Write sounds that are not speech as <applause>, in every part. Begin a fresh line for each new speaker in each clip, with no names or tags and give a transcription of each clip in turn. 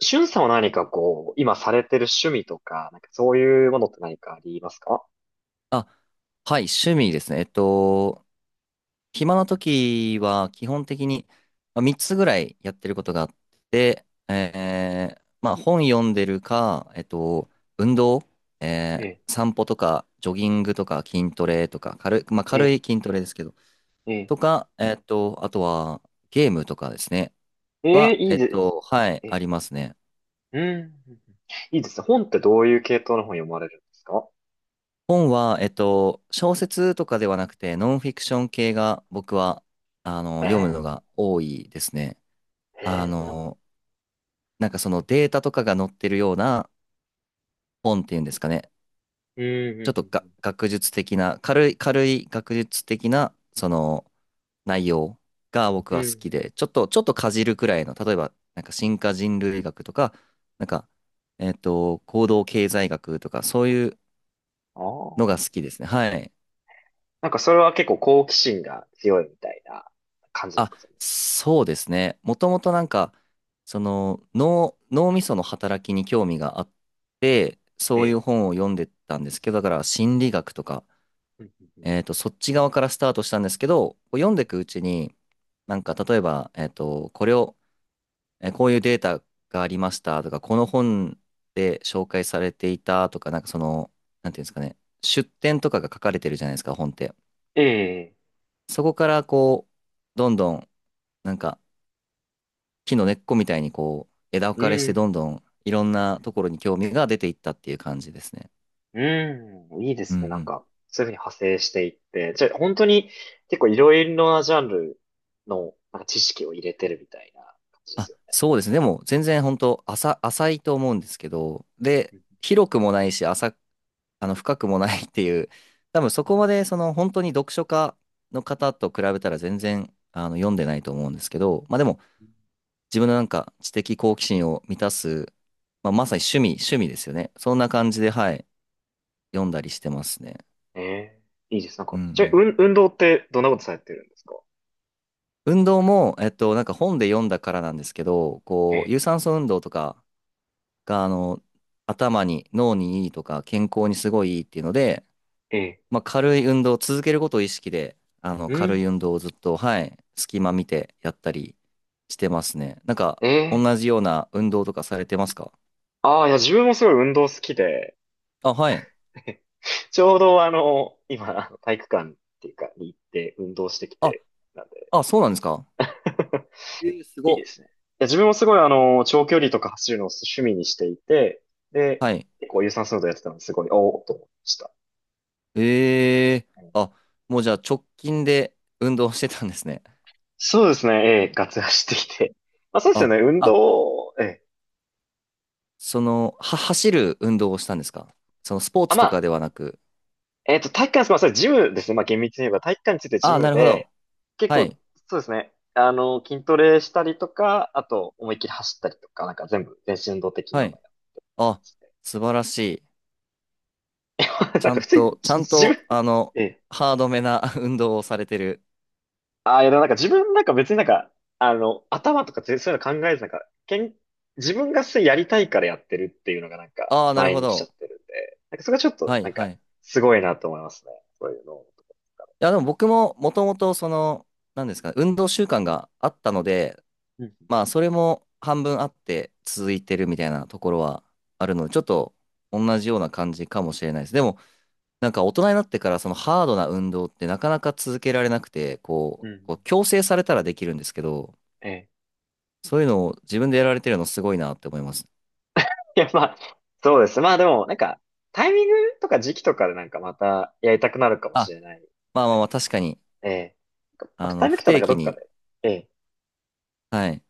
しゅんさんは何かこう、今されてる趣味とか、なんかそういうものって何かありますか？
あ、はい、趣味ですね。暇な時は基本的にまあ3つぐらいやってることがあって、まあ本読んでるか、運動、
え
散歩とか、ジョギングとか、筋トレとか、まあ
え、え
軽
え、
い筋トレですけど、
ええ、
とか、あとはゲームとかですね、
ええ、
は、
いい
えっ
です。
と、はい、
え
あ
え、
りますね。
うん。いいですね。本ってどういう系統の本読まれるんですか？
本は、小説とかではなくて、ノンフィクション系が僕は、
え
読む
え、
のが多いですね。あ
ええ、
の、なんかそのデータとかが載ってるような本っていうんですかね。
うん、う
ちょっとが
ん、
学術的な、軽い学術的な、その内容が僕
うん。
は
う
好き
ん。
で、ちょっとかじるくらいの、例えば、なんか進化人類学とか、なんか、行動経済学とか、そういう
あ
のが
あ、
好きですね。はい。
なんかそれは結構好奇心が強いみたいな感じです
あ、
か、それ？
そうですね。もともとなんか、その脳みその働きに興味があって、
え
そうい
え、
う本を読んでたんですけど、だから心理学とか、
うん、うんうん、
そっち側からスタートしたんですけど、こう読んでいくうちに、なんか例えば、えっと、これを、えーこういうデータがありましたとか、この本で紹介されていたとか、なんかその、なんていうんですかね、出典とかが書かれてるじゃないですか、本って。
ええ、
そこからこう、どんどん、なんか、木の根っこみたいにこう、枝分
う
かれしてど
ん、
んどんいろん
う
な
ん。
ところに興味が出ていったっていう感じですね。
うん、いいで
うんう
すね。なん
ん。
か、そういうふうに派生していって。じゃあ、本当に結構いろいろなジャンルのなんか知識を入れてるみたいな感じです
あ、
よ
そうですね。でも全然本当浅いと思うんですけど、で、
ね？
広くもないし、浅、あの、深くもないっていう、多分そ
うんう
こ
ん、
までその本当に読書家の方と比べたら全然読んでないと思うんですけど、まあでも自分のなんか知的好奇心を満たす、まあ、まさに趣味、趣味ですよね。そんな感じで、はい、読んだりしてますね。
ね。ええ、いいです。なん
う
か、
んう
じゃあ、
ん。
運動ってどんなことされてるんですか？
運動も、なんか本で読んだからなんですけど、
え
こう、有
え、
酸素運動とかが、頭に、脳にいいとか、健康にすごいいいっていうので、
ええ、
まあ、軽い運動、続けることを意識で、
う
軽
ん、
い運動をずっと、はい、隙間見てやったりしてますね。なんか、
え
同
え。
じような運動とかされてますか？
ああ、いや、自分もすごい運動好きで、
あ、はい。
<laughs> ちょうどあの、今、あの体育館っていうか、に行って運動してき
あ、
て、なんで。
あ、そうなんですか？
<laughs>
えー、す
いい
ご
です
っ。
ね。いや、自分もすごいあの、長距離とか走るのを趣味にしていて、で、
はい。
結構有酸素運動やってたのですごい、おおと思いました。うん。
あ、もうじゃあ直近で運動してたんですね。
そうですね、ええ、ガツ走ってきて。<laughs> まあそうですよ
あ
ね、運
あ、
動、ええ。
その、走る運動をしたんですか？そのスポー
あ、
ツ
ま
とかで
あ、
はなく。
体育館です、まあそれジムですね、まあ厳密に言えば体育館についてジ
ああ、
ム
なるほ
で、
ど。
結
は
構、
い。
そうですね、あの、筋トレしたりとか、あと、思いっきり走ったりとか、なんか全部、全身運動的な
は
のや
い。
る感
あ、
じで。
素晴らしい。
<laughs>
ち
なん
ゃ
か
ん
普通に、
と、ちゃ
じ
ん
自分、
と、
ええ。
ハードめな <laughs> 運動をされてる。
ああ、いや、でもなんか自分なんか別になんか、あの、頭とか全そういうの考えずなんか、自分がそれやりたいからやってるっていうのがなんか
ああ、なる
前
ほ
に来ちゃ
ど。
ってるんで、なんかそれがちょっと
はい、
なん
は
か
い。い
すごいなと思いますね。そういうの。
や、でも僕ももともとその、なんですかね、運動習慣があったので、
うん、
まあ、それも半分あって続いてるみたいなところはあるので、ちょっと同じような感じかもしれないです。でも、なんか大人になってからそのハードな運動ってなかなか続けられなくて、
う
こう、こう
ん。
強制されたらできるんですけど、
ええ。
そういうのを自分でやられてるのすごいなって思います。
いや、まあ、そうです。まあでもなんか、タイミングとか時期とかでなんかまたやりたくなるかもし
あ、
れない。
まあまあまあ確かに、
ええ。なんかまたタイミング
不
来たら
定
なんか
期
どっか
に、
で、ええ、
はい、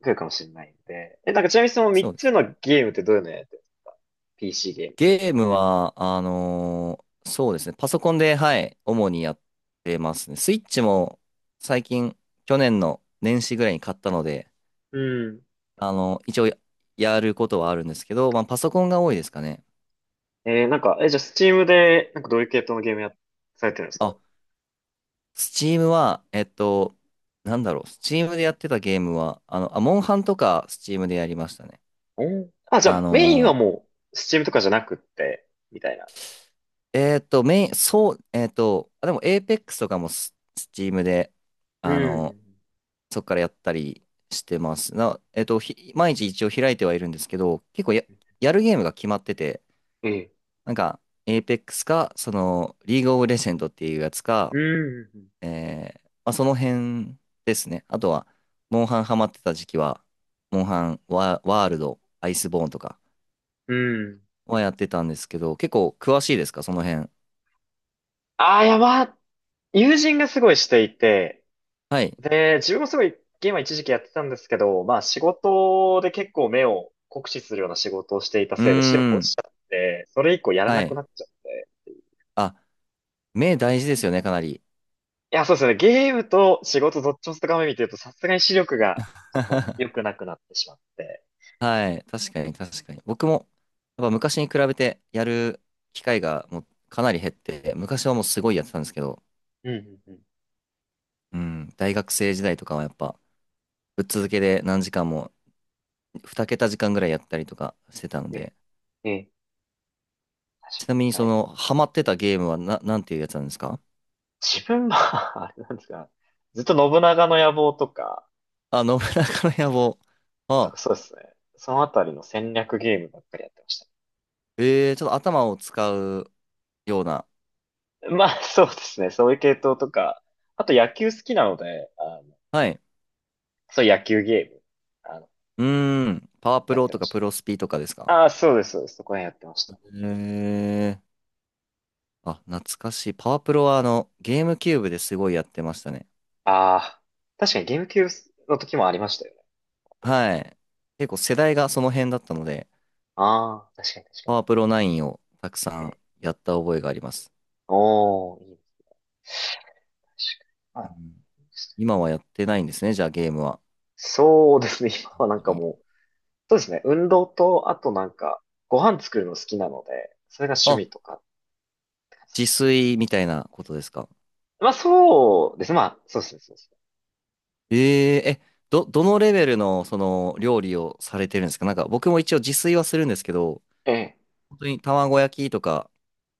来るかもしれないんで。え、なんかちなみにその
そ
3
うで
つ
すね。
のゲームってどういうのやってるんですか？ PC ゲーム？
ゲームは、そうですね、パソコンで、はい、主にやってますね。スイッチも最近、去年の年始ぐらいに買ったので、
うん。
一応やることはあるんですけど、まあパソコンが多いですかね。
なんか、じゃあ、スチームで、なんかどういう系統のゲームや、されてるんですか？
あ、スチームは、なんだろう、スチームでやってたゲームは、あ、モンハンとかスチームでやりましたね。
おーあ、じゃ
あ
あ、
の
メインは
ー
もう、スチームとかじゃなくって、みたいな。
メイン、そう、あ、でも、エーペックスとかもスチームで、
う
あのー
ん。
そっからやったりしてます。な、えっと、ひ、毎日一応開いてはいるんですけど、結構やるゲームが決まってて、
ええ。
なんか、エーペックスか、その、リーグオブレジェンドっていうやつか、
うん。
まあ、その辺ですね。あとは、モンハンハマってた時期は、モンハンワールド、アイスボーンとか
うん。
はやってたんですけど、結構詳しいですか？その辺。
ああ、いや、まあ、友人がすごいしていて、
はい。
で、自分もすごいゲームは一時期やってたんですけど、まあ、仕事で結構目を酷使するような仕事をしていた
う
せいで視力
ー
落ち
ん。
ちゃって、それ以降やら
は
なく
い。
なっちゃって。
あ、目大事ですよね、かなり。
いや、そうですね。ゲームと仕事どっちも高め見てると、さすがに視力がちょっ
<laughs>
と良くなくなってしまって。
はい。確かに、確かに。僕も、やっぱ昔に比べてやる機会がもうかなり減って、昔はもうすごいやってたんですけど、
うんうんうん。
うん、大学生時代とかはやっぱ、ぶっ続けで何時間も、二桁時間ぐらいやったりとかしてたの
ね、
で、
ね、確
ちなみに
かに。
そ
はい。
の、ハマって
うん。
たゲームはなんていうやつなんですか？
自分は <laughs> あれなんですか。ずっと信長の野望とか、
あ、信長の野望。
とか
あ、
そうですね。そのあたりの戦略ゲームばっかりやってまし
ちょっと頭を使うような。
た。まあ、そうですね。そういう系統とか、あと野球好きなので、あの、
はい。
そういう野球ゲーム、あの、
うーん。パワープ
やっ
ロ
て
と
ま
か
し
プ
た。
ロスピとかですか？
ああ、そうです、そうです。そこら辺やってました。
えー。あ、懐かしい。パワープロはゲームキューブですごいやってましたね。
ああ、確かにゲーム級の時もありましたよね。
はい。結構世代がその辺だったので、
ああ、確かに確か
パ
に。
ワープロ9をたくさ
え、
んやった覚えがあります。
おー、いいね。確かに。
う
あ、
ん、今はやってないんですね、じゃあゲームは。
そうですね。<laughs> 今
あん
はなん
ま
か
り。
もう、そうですね。運動と、あとなんか、ご飯作るの好きなので、それが趣
あ、
味とかって感じですかね。
自炊みたいなことですか？
まあそうですね。まあ、そうですね。そうですね。
えええ、どのレベルのその料理をされてるんですか？なんか僕も一応自炊はするんですけど、
ええ。
本当に卵焼きとか、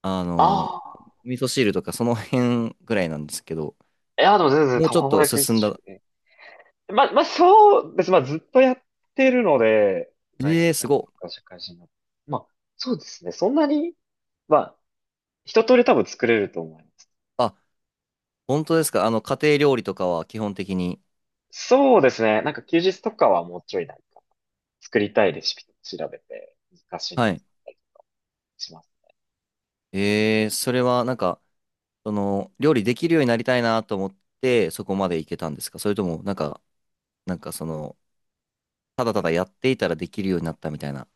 あの、
ああ。
味噌汁とかその辺ぐらいなんですけど、
いや、でも全然
もうちょっ
卵
と
焼きです
進ん
し。
だ。
ええ。まあ、まあそうです。まあずっとやってるので、大
え
学
え、
生
す
か
ごっ。
ら社会人になって。まあ、そうですね。そんなに、まあ、一通り多分作れると思います。
あ、本当ですか？家庭料理とかは基本的に。
そうですね。なんか休日とかはもうちょいなんか作りたいレシピとか調べて難しいの
は
作
い。
ったりします。
ええ、それはなんか、その、料理できるようになりたいなと思って、そこまでいけたんですか？それとも、なんかその、ただただやっていたらできるようになったみたいな。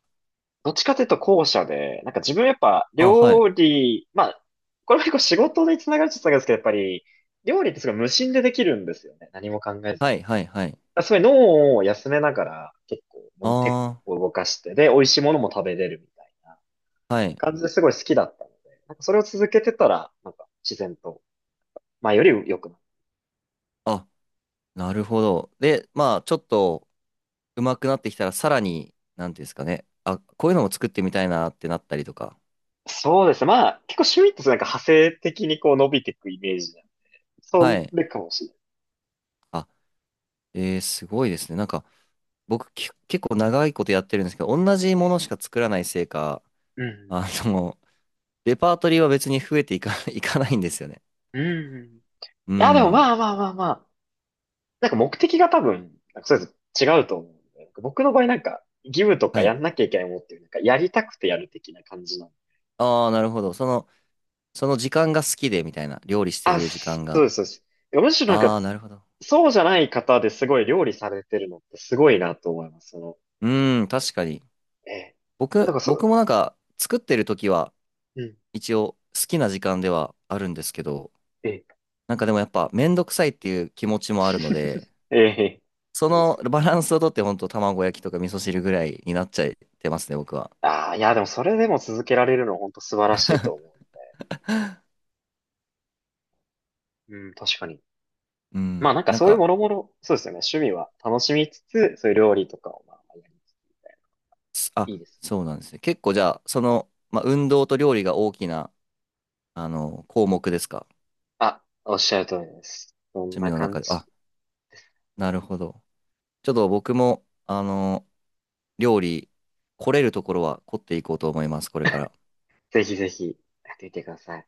どっちかというと後者で、なんか自分やっぱ
あ、はい。
料理、まあ、これも結構仕事につながるっちゃつながるんですけど、やっぱり料理ってすごい無心でできるんですよね。何も考えずに。だか
はい、はい、はい。
らすごい脳を休めながら結構手
あ
を動かして、で、美味しいものも食べれるみたいな
あ、はい。
感じですごい好きだったので、なんかそれを続けてたら、なんか自然と、まあより良くなる。
あ、なるほど。で、まあ、ちょっと上手くなってきたら、さらに、なんていうんですかね。あ、こういうのも作ってみたいなってなったりとか。
そうですね。まあ、結構趣味ってなんか派生的にこう伸びていくイメージなんで。
は
そ
い。
れかもしれない
あ、えー、すごいですね。なんか、僕、結構長いことやってるんですけど、同じものしか作らないせいか、
ね。
あの、<laughs> レパートリーは別に増えていか、<laughs> いかないんですよね。
うん。うん。い
う
や、でも
ん。
まあまあまあまあ。なんか目的が多分、なんかそれぞれ違うと思うんで。なんか僕の場合なんか、義務とか
は
や
い。
んなきゃいけないものっていう、なんかやりたくてやる的な感じなの。
ああ、なるほど。その時間が好きで、みたいな。料理して
あ、
る
そ
時間
うです、
が。
そうです。いやむしろなん
あ
か、
あ、なるほど。
そうじゃない方ですごい料理されてるのってすごいなと思います。その、
うん、確かに。
ええ。だか
僕、
らそ
僕
う、
もなんか作ってる時は
うん。
一応好きな時間ではあるんですけど、
ええ、
なんかでもやっぱめんどくさいっていう気持ちもあるので、
ええ、
そ
そうで
の
すよね。
バランスをとってほんと卵焼きとか味噌汁ぐらいになっちゃってますね、僕は。
ああ、いや、でもそれでも続けられるのは本当素晴らしいと思
<laughs>
う。うん、確かに。
う
まあな
ん。
んか
なん
そういうも
か、
ろもろ、そうですよね。趣味は楽しみつつ、そういう料理とかをまあやりつつ、いいです。
そうなんですね。結構じゃあ、その、まあ、運動と料理が大きな、項目ですか？
あ、おっしゃる通りです。そん
趣味
な
の
感
中で。
じ。
あ、なるほど。ちょっと僕も、料理、来れるところは凝っていこうと思います、これから。
ぜひぜひ、やってみてください。